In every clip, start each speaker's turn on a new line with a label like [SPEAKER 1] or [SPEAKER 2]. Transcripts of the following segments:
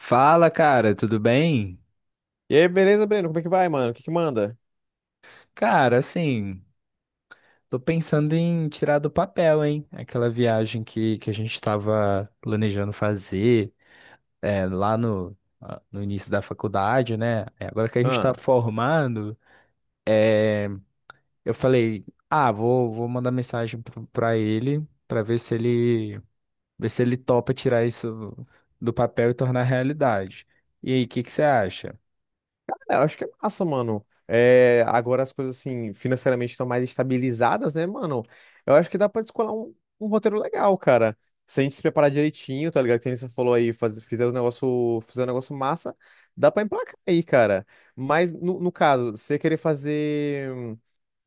[SPEAKER 1] Fala, cara, tudo bem?
[SPEAKER 2] E aí, beleza, Breno? Como é que vai, mano? O que que manda?
[SPEAKER 1] Cara, assim, tô pensando em tirar do papel, hein? Aquela viagem que a gente tava planejando fazer lá no início da faculdade, né? Agora que a gente tá
[SPEAKER 2] Ah,
[SPEAKER 1] formando, é, eu falei, ah, vou mandar mensagem pra ele pra ver se ele topa tirar isso do papel e tornar realidade. E aí, o que que você acha?
[SPEAKER 2] eu acho que é massa, mano. É, agora as coisas, assim, financeiramente estão mais estabilizadas, né, mano? Eu acho que dá pra descolar um roteiro legal, cara. Se a gente se preparar direitinho, tá ligado? Que nem você falou aí, fizer um negócio massa, dá pra emplacar aí, cara. Mas, no caso, você querer fazer...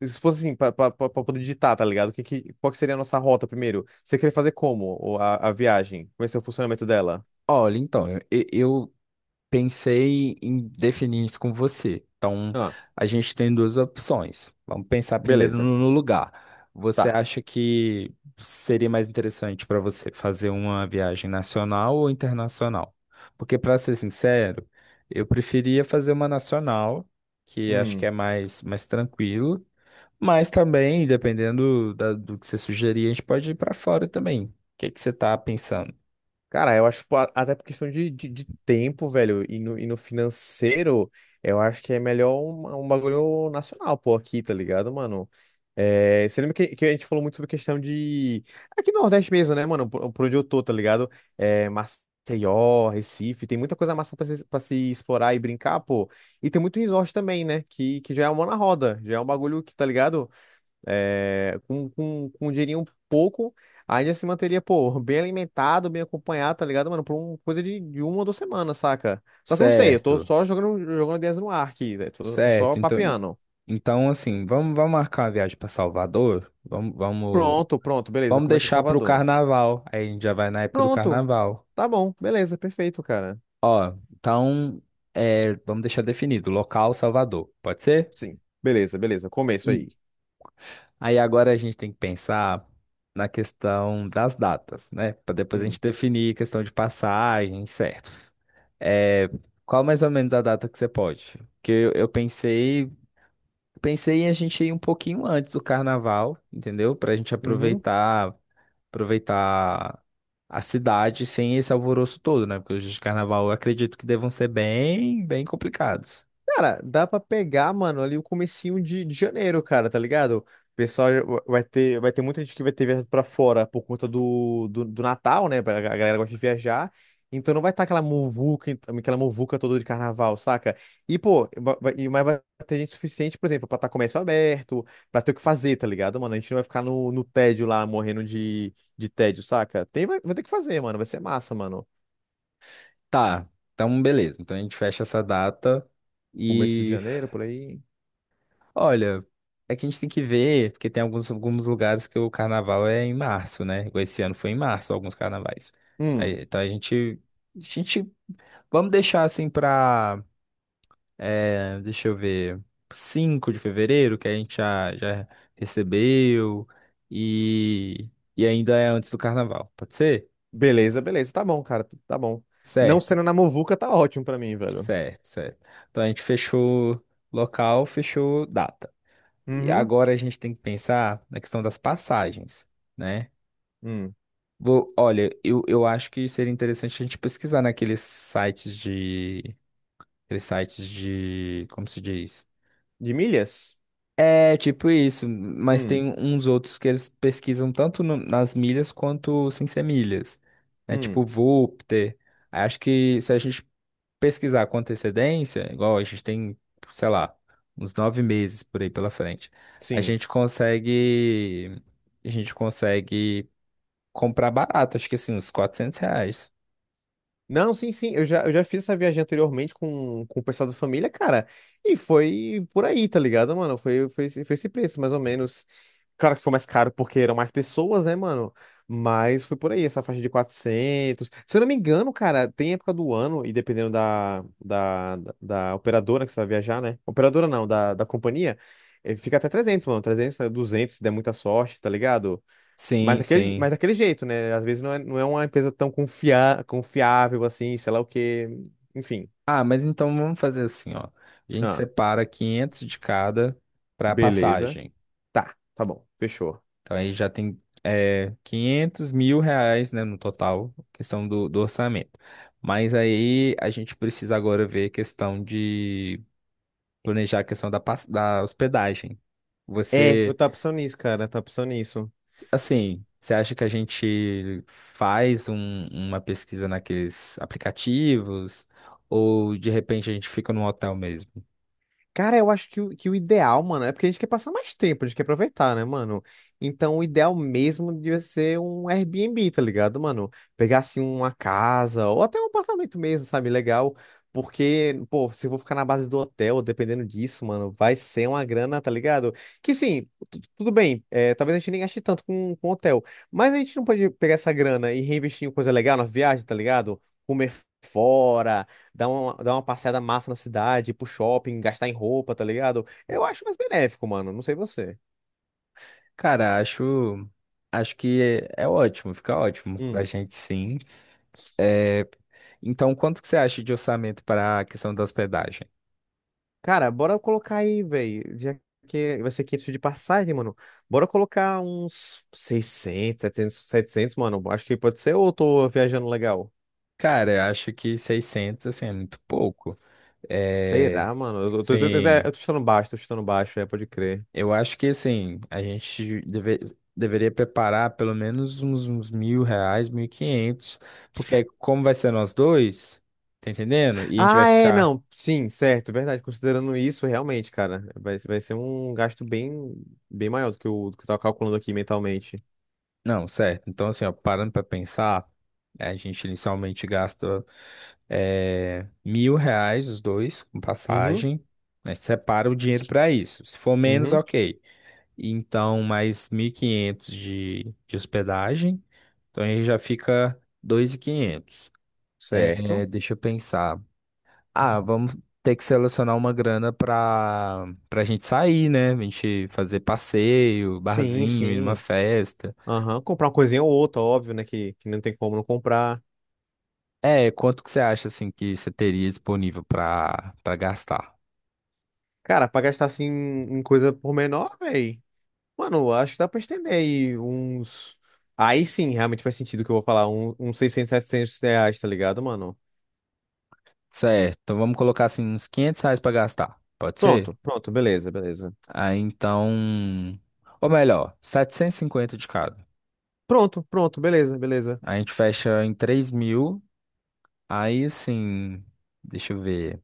[SPEAKER 2] Se fosse assim, pra poder digitar, tá ligado? Qual que seria a nossa rota primeiro? Você queria fazer como a viagem? Como é que é o funcionamento dela?
[SPEAKER 1] Olha, então, eu pensei em definir isso com você. Então,
[SPEAKER 2] Ah,
[SPEAKER 1] a gente tem duas opções. Vamos pensar primeiro
[SPEAKER 2] beleza.
[SPEAKER 1] no lugar. Você
[SPEAKER 2] Tá.
[SPEAKER 1] acha que seria mais interessante para você fazer uma viagem nacional ou internacional? Porque, para ser sincero, eu preferia fazer uma nacional, que acho que é
[SPEAKER 2] Hum.
[SPEAKER 1] mais tranquilo. Mas também, dependendo do que você sugerir, a gente pode ir para fora também. O que que você está pensando?
[SPEAKER 2] Cara, eu acho até por questão de, de tempo, velho, e e no financeiro, eu acho que é melhor um bagulho nacional, pô, aqui, tá ligado, mano? É, você lembra que a gente falou muito sobre questão de. Aqui no Nordeste mesmo, né, mano? Por onde eu tô, tá ligado? É, Maceió, Recife, tem muita coisa massa pra se explorar e brincar, pô. E tem muito resort também, né? Que já é uma mão na roda, já é um bagulho que, tá ligado? É, com um dinheirinho pouco, ainda se manteria, pô, bem alimentado, bem acompanhado, tá ligado, mano? Por uma coisa de uma ou duas semanas, saca? Só que eu não sei, eu tô
[SPEAKER 1] Certo,
[SPEAKER 2] só jogando ideias no ar aqui, né? Tô só
[SPEAKER 1] certo.
[SPEAKER 2] papeando.
[SPEAKER 1] Então, assim, vamos marcar uma viagem para Salvador?
[SPEAKER 2] Pronto, pronto, beleza,
[SPEAKER 1] Vamos
[SPEAKER 2] começa em
[SPEAKER 1] deixar para o
[SPEAKER 2] Salvador.
[SPEAKER 1] carnaval. Aí a gente já vai na época do
[SPEAKER 2] Pronto,
[SPEAKER 1] carnaval.
[SPEAKER 2] tá bom, beleza, perfeito, cara.
[SPEAKER 1] Ó, então, é, vamos deixar definido, local Salvador, pode ser?
[SPEAKER 2] Sim, beleza, beleza, começo
[SPEAKER 1] Hum.
[SPEAKER 2] aí.
[SPEAKER 1] Aí agora a gente tem que pensar na questão das datas, né? Para depois a
[SPEAKER 2] Hum.
[SPEAKER 1] gente definir questão de passagem, certo? É, qual mais ou menos a data que você pode? Porque eu pensei em a gente ir um pouquinho antes do carnaval, entendeu? Para a gente
[SPEAKER 2] Uhum.
[SPEAKER 1] aproveitar a cidade sem esse alvoroço todo, né? Porque os dias de carnaval eu acredito que devam ser bem complicados.
[SPEAKER 2] Cara, dá pra pegar, mano, ali o comecinho de janeiro, cara, tá ligado? O pessoal vai ter muita gente que vai ter viajado pra fora por conta do Natal, né? A galera gosta de viajar. Então não vai estar aquela muvuca, aquela muvuca toda de carnaval, saca? E, pô, mas vai ter gente suficiente, por exemplo, pra estar comércio aberto, pra ter o que fazer, tá ligado, mano? A gente não vai ficar no tédio lá, morrendo de tédio, saca? Vai ter que fazer, mano. Vai ser massa, mano.
[SPEAKER 1] Tá, então beleza. Então a gente fecha essa data
[SPEAKER 2] Começo de
[SPEAKER 1] e
[SPEAKER 2] janeiro, por aí.
[SPEAKER 1] olha, é que a gente tem que ver, porque tem alguns lugares que o carnaval é em março, né? Igual esse ano foi em março alguns carnavais. Aí, então a gente, vamos deixar assim pra. É, deixa eu ver. Cinco de fevereiro, que a gente já recebeu. E, e ainda é antes do carnaval. Pode ser?
[SPEAKER 2] Beleza, beleza. Tá bom, cara. Tá bom. Não
[SPEAKER 1] Certo,
[SPEAKER 2] sendo na Movuca, tá ótimo pra mim, velho.
[SPEAKER 1] certo. Então a gente fechou local, fechou data. E
[SPEAKER 2] Uhum.
[SPEAKER 1] agora a gente tem que pensar na questão das passagens, né?
[SPEAKER 2] Hum.
[SPEAKER 1] Vou, olha, eu acho que seria interessante a gente pesquisar naqueles sites de. Aqueles sites de. Como se diz?
[SPEAKER 2] De milhas?
[SPEAKER 1] É tipo isso, mas
[SPEAKER 2] Hum.
[SPEAKER 1] tem uns outros que eles pesquisam tanto nas milhas quanto sem ser milhas. É tipo
[SPEAKER 2] Hum.
[SPEAKER 1] Voopter. Acho que se a gente pesquisar com antecedência, igual a gente tem, sei lá, uns nove meses por aí pela frente, a
[SPEAKER 2] Sim.
[SPEAKER 1] gente consegue, a gente consegue comprar barato, acho que assim, uns 400 reais.
[SPEAKER 2] Não, sim, sim. Eu já fiz essa viagem anteriormente com o pessoal da família, cara. E foi por aí, tá ligado, mano? Foi esse preço, mais ou menos. Claro que foi mais caro porque eram mais pessoas, né, mano? Mas foi por aí, essa faixa de 400. Se eu não me engano, cara, tem época do ano, e dependendo da operadora que você vai viajar, né? Operadora não, da companhia, fica até 300, mano. 300, né, 200, se der muita sorte, tá ligado?
[SPEAKER 1] Sim,
[SPEAKER 2] Mas
[SPEAKER 1] sim.
[SPEAKER 2] daquele jeito, né? Às vezes não é uma empresa tão confiável assim, sei lá o quê. Enfim.
[SPEAKER 1] Ah, mas então vamos fazer assim, ó. A gente
[SPEAKER 2] Ah,
[SPEAKER 1] separa 500 de cada para
[SPEAKER 2] beleza.
[SPEAKER 1] passagem.
[SPEAKER 2] Tá, tá bom. Fechou.
[SPEAKER 1] Então aí já tem é, 500 mil reais, né, no total, questão do orçamento. Mas aí a gente precisa agora ver a questão de planejar a questão da, da hospedagem.
[SPEAKER 2] É, eu
[SPEAKER 1] Você,
[SPEAKER 2] tava pensando nisso, cara. Tá pensando nisso.
[SPEAKER 1] assim, você acha que a gente faz uma pesquisa naqueles aplicativos ou de repente a gente fica num hotel mesmo?
[SPEAKER 2] Cara, eu acho que que o ideal, mano, é porque a gente quer passar mais tempo, a gente quer aproveitar, né, mano? Então, o ideal mesmo devia ser um Airbnb, tá ligado, mano? Pegar, assim, uma casa ou até um apartamento mesmo, sabe? Legal. Porque, pô, se eu vou ficar na base do hotel, dependendo disso, mano, vai ser uma grana, tá ligado? Que sim, tudo bem, é, talvez a gente nem gaste tanto com hotel, mas a gente não pode pegar essa grana e reinvestir em coisa legal na viagem, tá ligado? Comer fora, dar uma passeada massa na cidade, ir pro shopping, gastar em roupa, tá ligado? Eu acho mais benéfico, mano. Não sei você.
[SPEAKER 1] Cara, acho que é ótimo, fica ótimo pra
[SPEAKER 2] Hum.
[SPEAKER 1] gente sim. É, então, quanto que você acha de orçamento para a questão da hospedagem?
[SPEAKER 2] Cara, bora colocar aí, velho. Já que vai ser 500 de passagem, mano. Bora colocar uns 600, 700, mano. Acho que pode ser ou eu tô viajando legal?
[SPEAKER 1] Cara, eu acho que 600 assim, é muito pouco. É,
[SPEAKER 2] Será, mano?
[SPEAKER 1] sim,
[SPEAKER 2] Eu tô chutando baixo, é, pode crer.
[SPEAKER 1] eu acho que, assim, deveria preparar pelo menos uns 1.000 reais, mil e quinhentos, porque aí como vai ser nós dois, tá entendendo? E a gente vai
[SPEAKER 2] Ah, é,
[SPEAKER 1] ficar...
[SPEAKER 2] não. Sim, certo, verdade. Considerando isso, realmente, cara, vai ser um gasto bem, bem maior do que o do que eu tava calculando aqui mentalmente.
[SPEAKER 1] Não, certo. Então, assim, ó, parando para pensar, é, a gente inicialmente gasta 1.000 reais os dois com
[SPEAKER 2] Uhum.
[SPEAKER 1] passagem, né? Separa o dinheiro para isso. Se for menos,
[SPEAKER 2] Uhum,
[SPEAKER 1] ok. Então, mais 1.500 de hospedagem. Então, aí já fica 2.500.
[SPEAKER 2] certo.
[SPEAKER 1] Deixa eu pensar. Ah, vamos ter que selecionar uma grana para a gente sair, né? A gente fazer passeio,
[SPEAKER 2] Sim,
[SPEAKER 1] barzinho, ir numa
[SPEAKER 2] sim.
[SPEAKER 1] festa.
[SPEAKER 2] Aham, comprar uma coisinha ou outra, óbvio, né? Que não tem como não comprar.
[SPEAKER 1] É, quanto que você acha assim que você teria disponível para gastar?
[SPEAKER 2] Cara, pra gastar assim em coisa por menor, véi. Mano, acho que dá pra estender aí uns. Aí sim, realmente faz sentido o que eu vou falar. Uns 600, 700 reais, tá ligado, mano?
[SPEAKER 1] Certo, então vamos colocar assim uns 500 reais para gastar, pode ser?
[SPEAKER 2] Pronto, pronto, beleza, beleza.
[SPEAKER 1] Aí então, ou melhor, 750 de cada.
[SPEAKER 2] Pronto, pronto, beleza, beleza.
[SPEAKER 1] A gente fecha em 3.000, aí assim, deixa eu ver,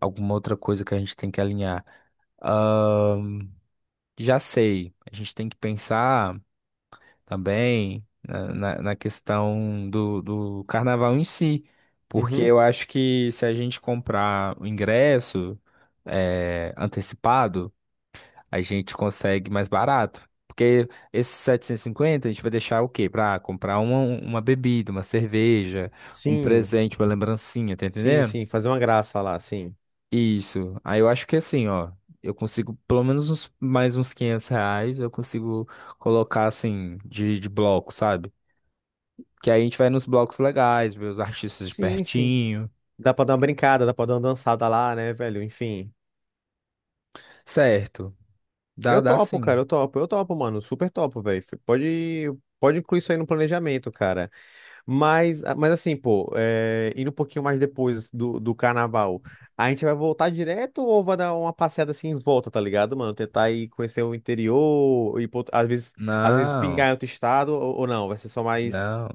[SPEAKER 1] alguma outra coisa que a gente tem que alinhar. Ahn, já sei, a gente tem que pensar. Também na questão do carnaval em si, porque
[SPEAKER 2] Uhum.
[SPEAKER 1] eu acho que se a gente comprar o ingresso antecipado, a gente consegue mais barato. Porque esses 750 a gente vai deixar o quê? Para comprar uma bebida, uma cerveja, um
[SPEAKER 2] Sim,
[SPEAKER 1] presente, uma lembrancinha, tá
[SPEAKER 2] sim,
[SPEAKER 1] entendendo?
[SPEAKER 2] sim. Fazer uma graça lá, sim.
[SPEAKER 1] Isso. Aí eu acho que assim, ó, eu consigo pelo menos mais uns 500 reais, eu consigo colocar assim de bloco, sabe? Que aí a gente vai nos blocos legais, ver os artistas de
[SPEAKER 2] Sim, sim.
[SPEAKER 1] pertinho.
[SPEAKER 2] Dá pra dar uma brincada, dá pra dar uma dançada lá, né, velho? Enfim.
[SPEAKER 1] Certo.
[SPEAKER 2] Eu
[SPEAKER 1] Dá, dá
[SPEAKER 2] topo, cara,
[SPEAKER 1] sim.
[SPEAKER 2] eu topo, mano, super topo, velho. Pode, pode incluir isso aí no planejamento, cara. Mas, ah, mas assim, pô, é, indo um pouquinho mais depois do carnaval, a gente vai voltar direto ou vai dar uma passeada assim em volta, tá ligado, mano? Tentar ir conhecer o interior, ir às vezes
[SPEAKER 1] Não,
[SPEAKER 2] pingar em outro estado ou não, vai ser só mais.
[SPEAKER 1] não.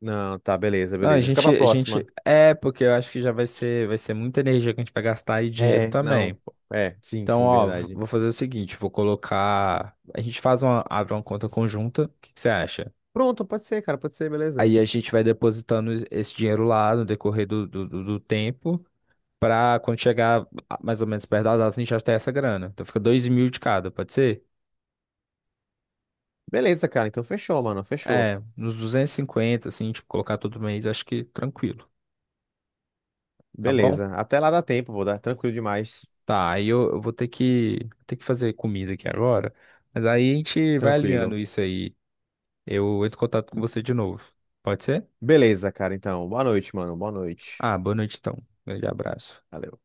[SPEAKER 2] Não, tá, beleza,
[SPEAKER 1] Não,
[SPEAKER 2] beleza. Fica pra
[SPEAKER 1] a gente.
[SPEAKER 2] próxima.
[SPEAKER 1] É, porque eu acho que vai ser muita energia que a gente vai gastar e dinheiro
[SPEAKER 2] É, não,
[SPEAKER 1] também.
[SPEAKER 2] é, sim,
[SPEAKER 1] Então,
[SPEAKER 2] sim,
[SPEAKER 1] ó,
[SPEAKER 2] verdade.
[SPEAKER 1] vou fazer o seguinte, vou colocar. A gente faz uma, abre uma conta conjunta. O que que você acha?
[SPEAKER 2] Pronto, pode ser, cara, pode ser, beleza.
[SPEAKER 1] Aí a gente vai depositando esse dinheiro lá no decorrer do tempo. Pra quando chegar mais ou menos perto da data, a gente já ter essa grana. Então fica 2.000 de cada, pode ser?
[SPEAKER 2] Beleza, cara, então fechou, mano, fechou.
[SPEAKER 1] É, nos 250, assim, tipo, colocar todo mês, acho que tranquilo, tá bom?
[SPEAKER 2] Beleza. Até lá dá tempo, vou dar. Tranquilo demais.
[SPEAKER 1] Tá, aí eu vou ter ter que fazer comida aqui agora, mas aí a gente vai alinhando
[SPEAKER 2] Tranquilo.
[SPEAKER 1] isso aí. Eu entro em contato com você de novo, pode ser?
[SPEAKER 2] Beleza, cara. Então, boa noite, mano. Boa noite.
[SPEAKER 1] Ah, boa noite então. Grande abraço.
[SPEAKER 2] Valeu.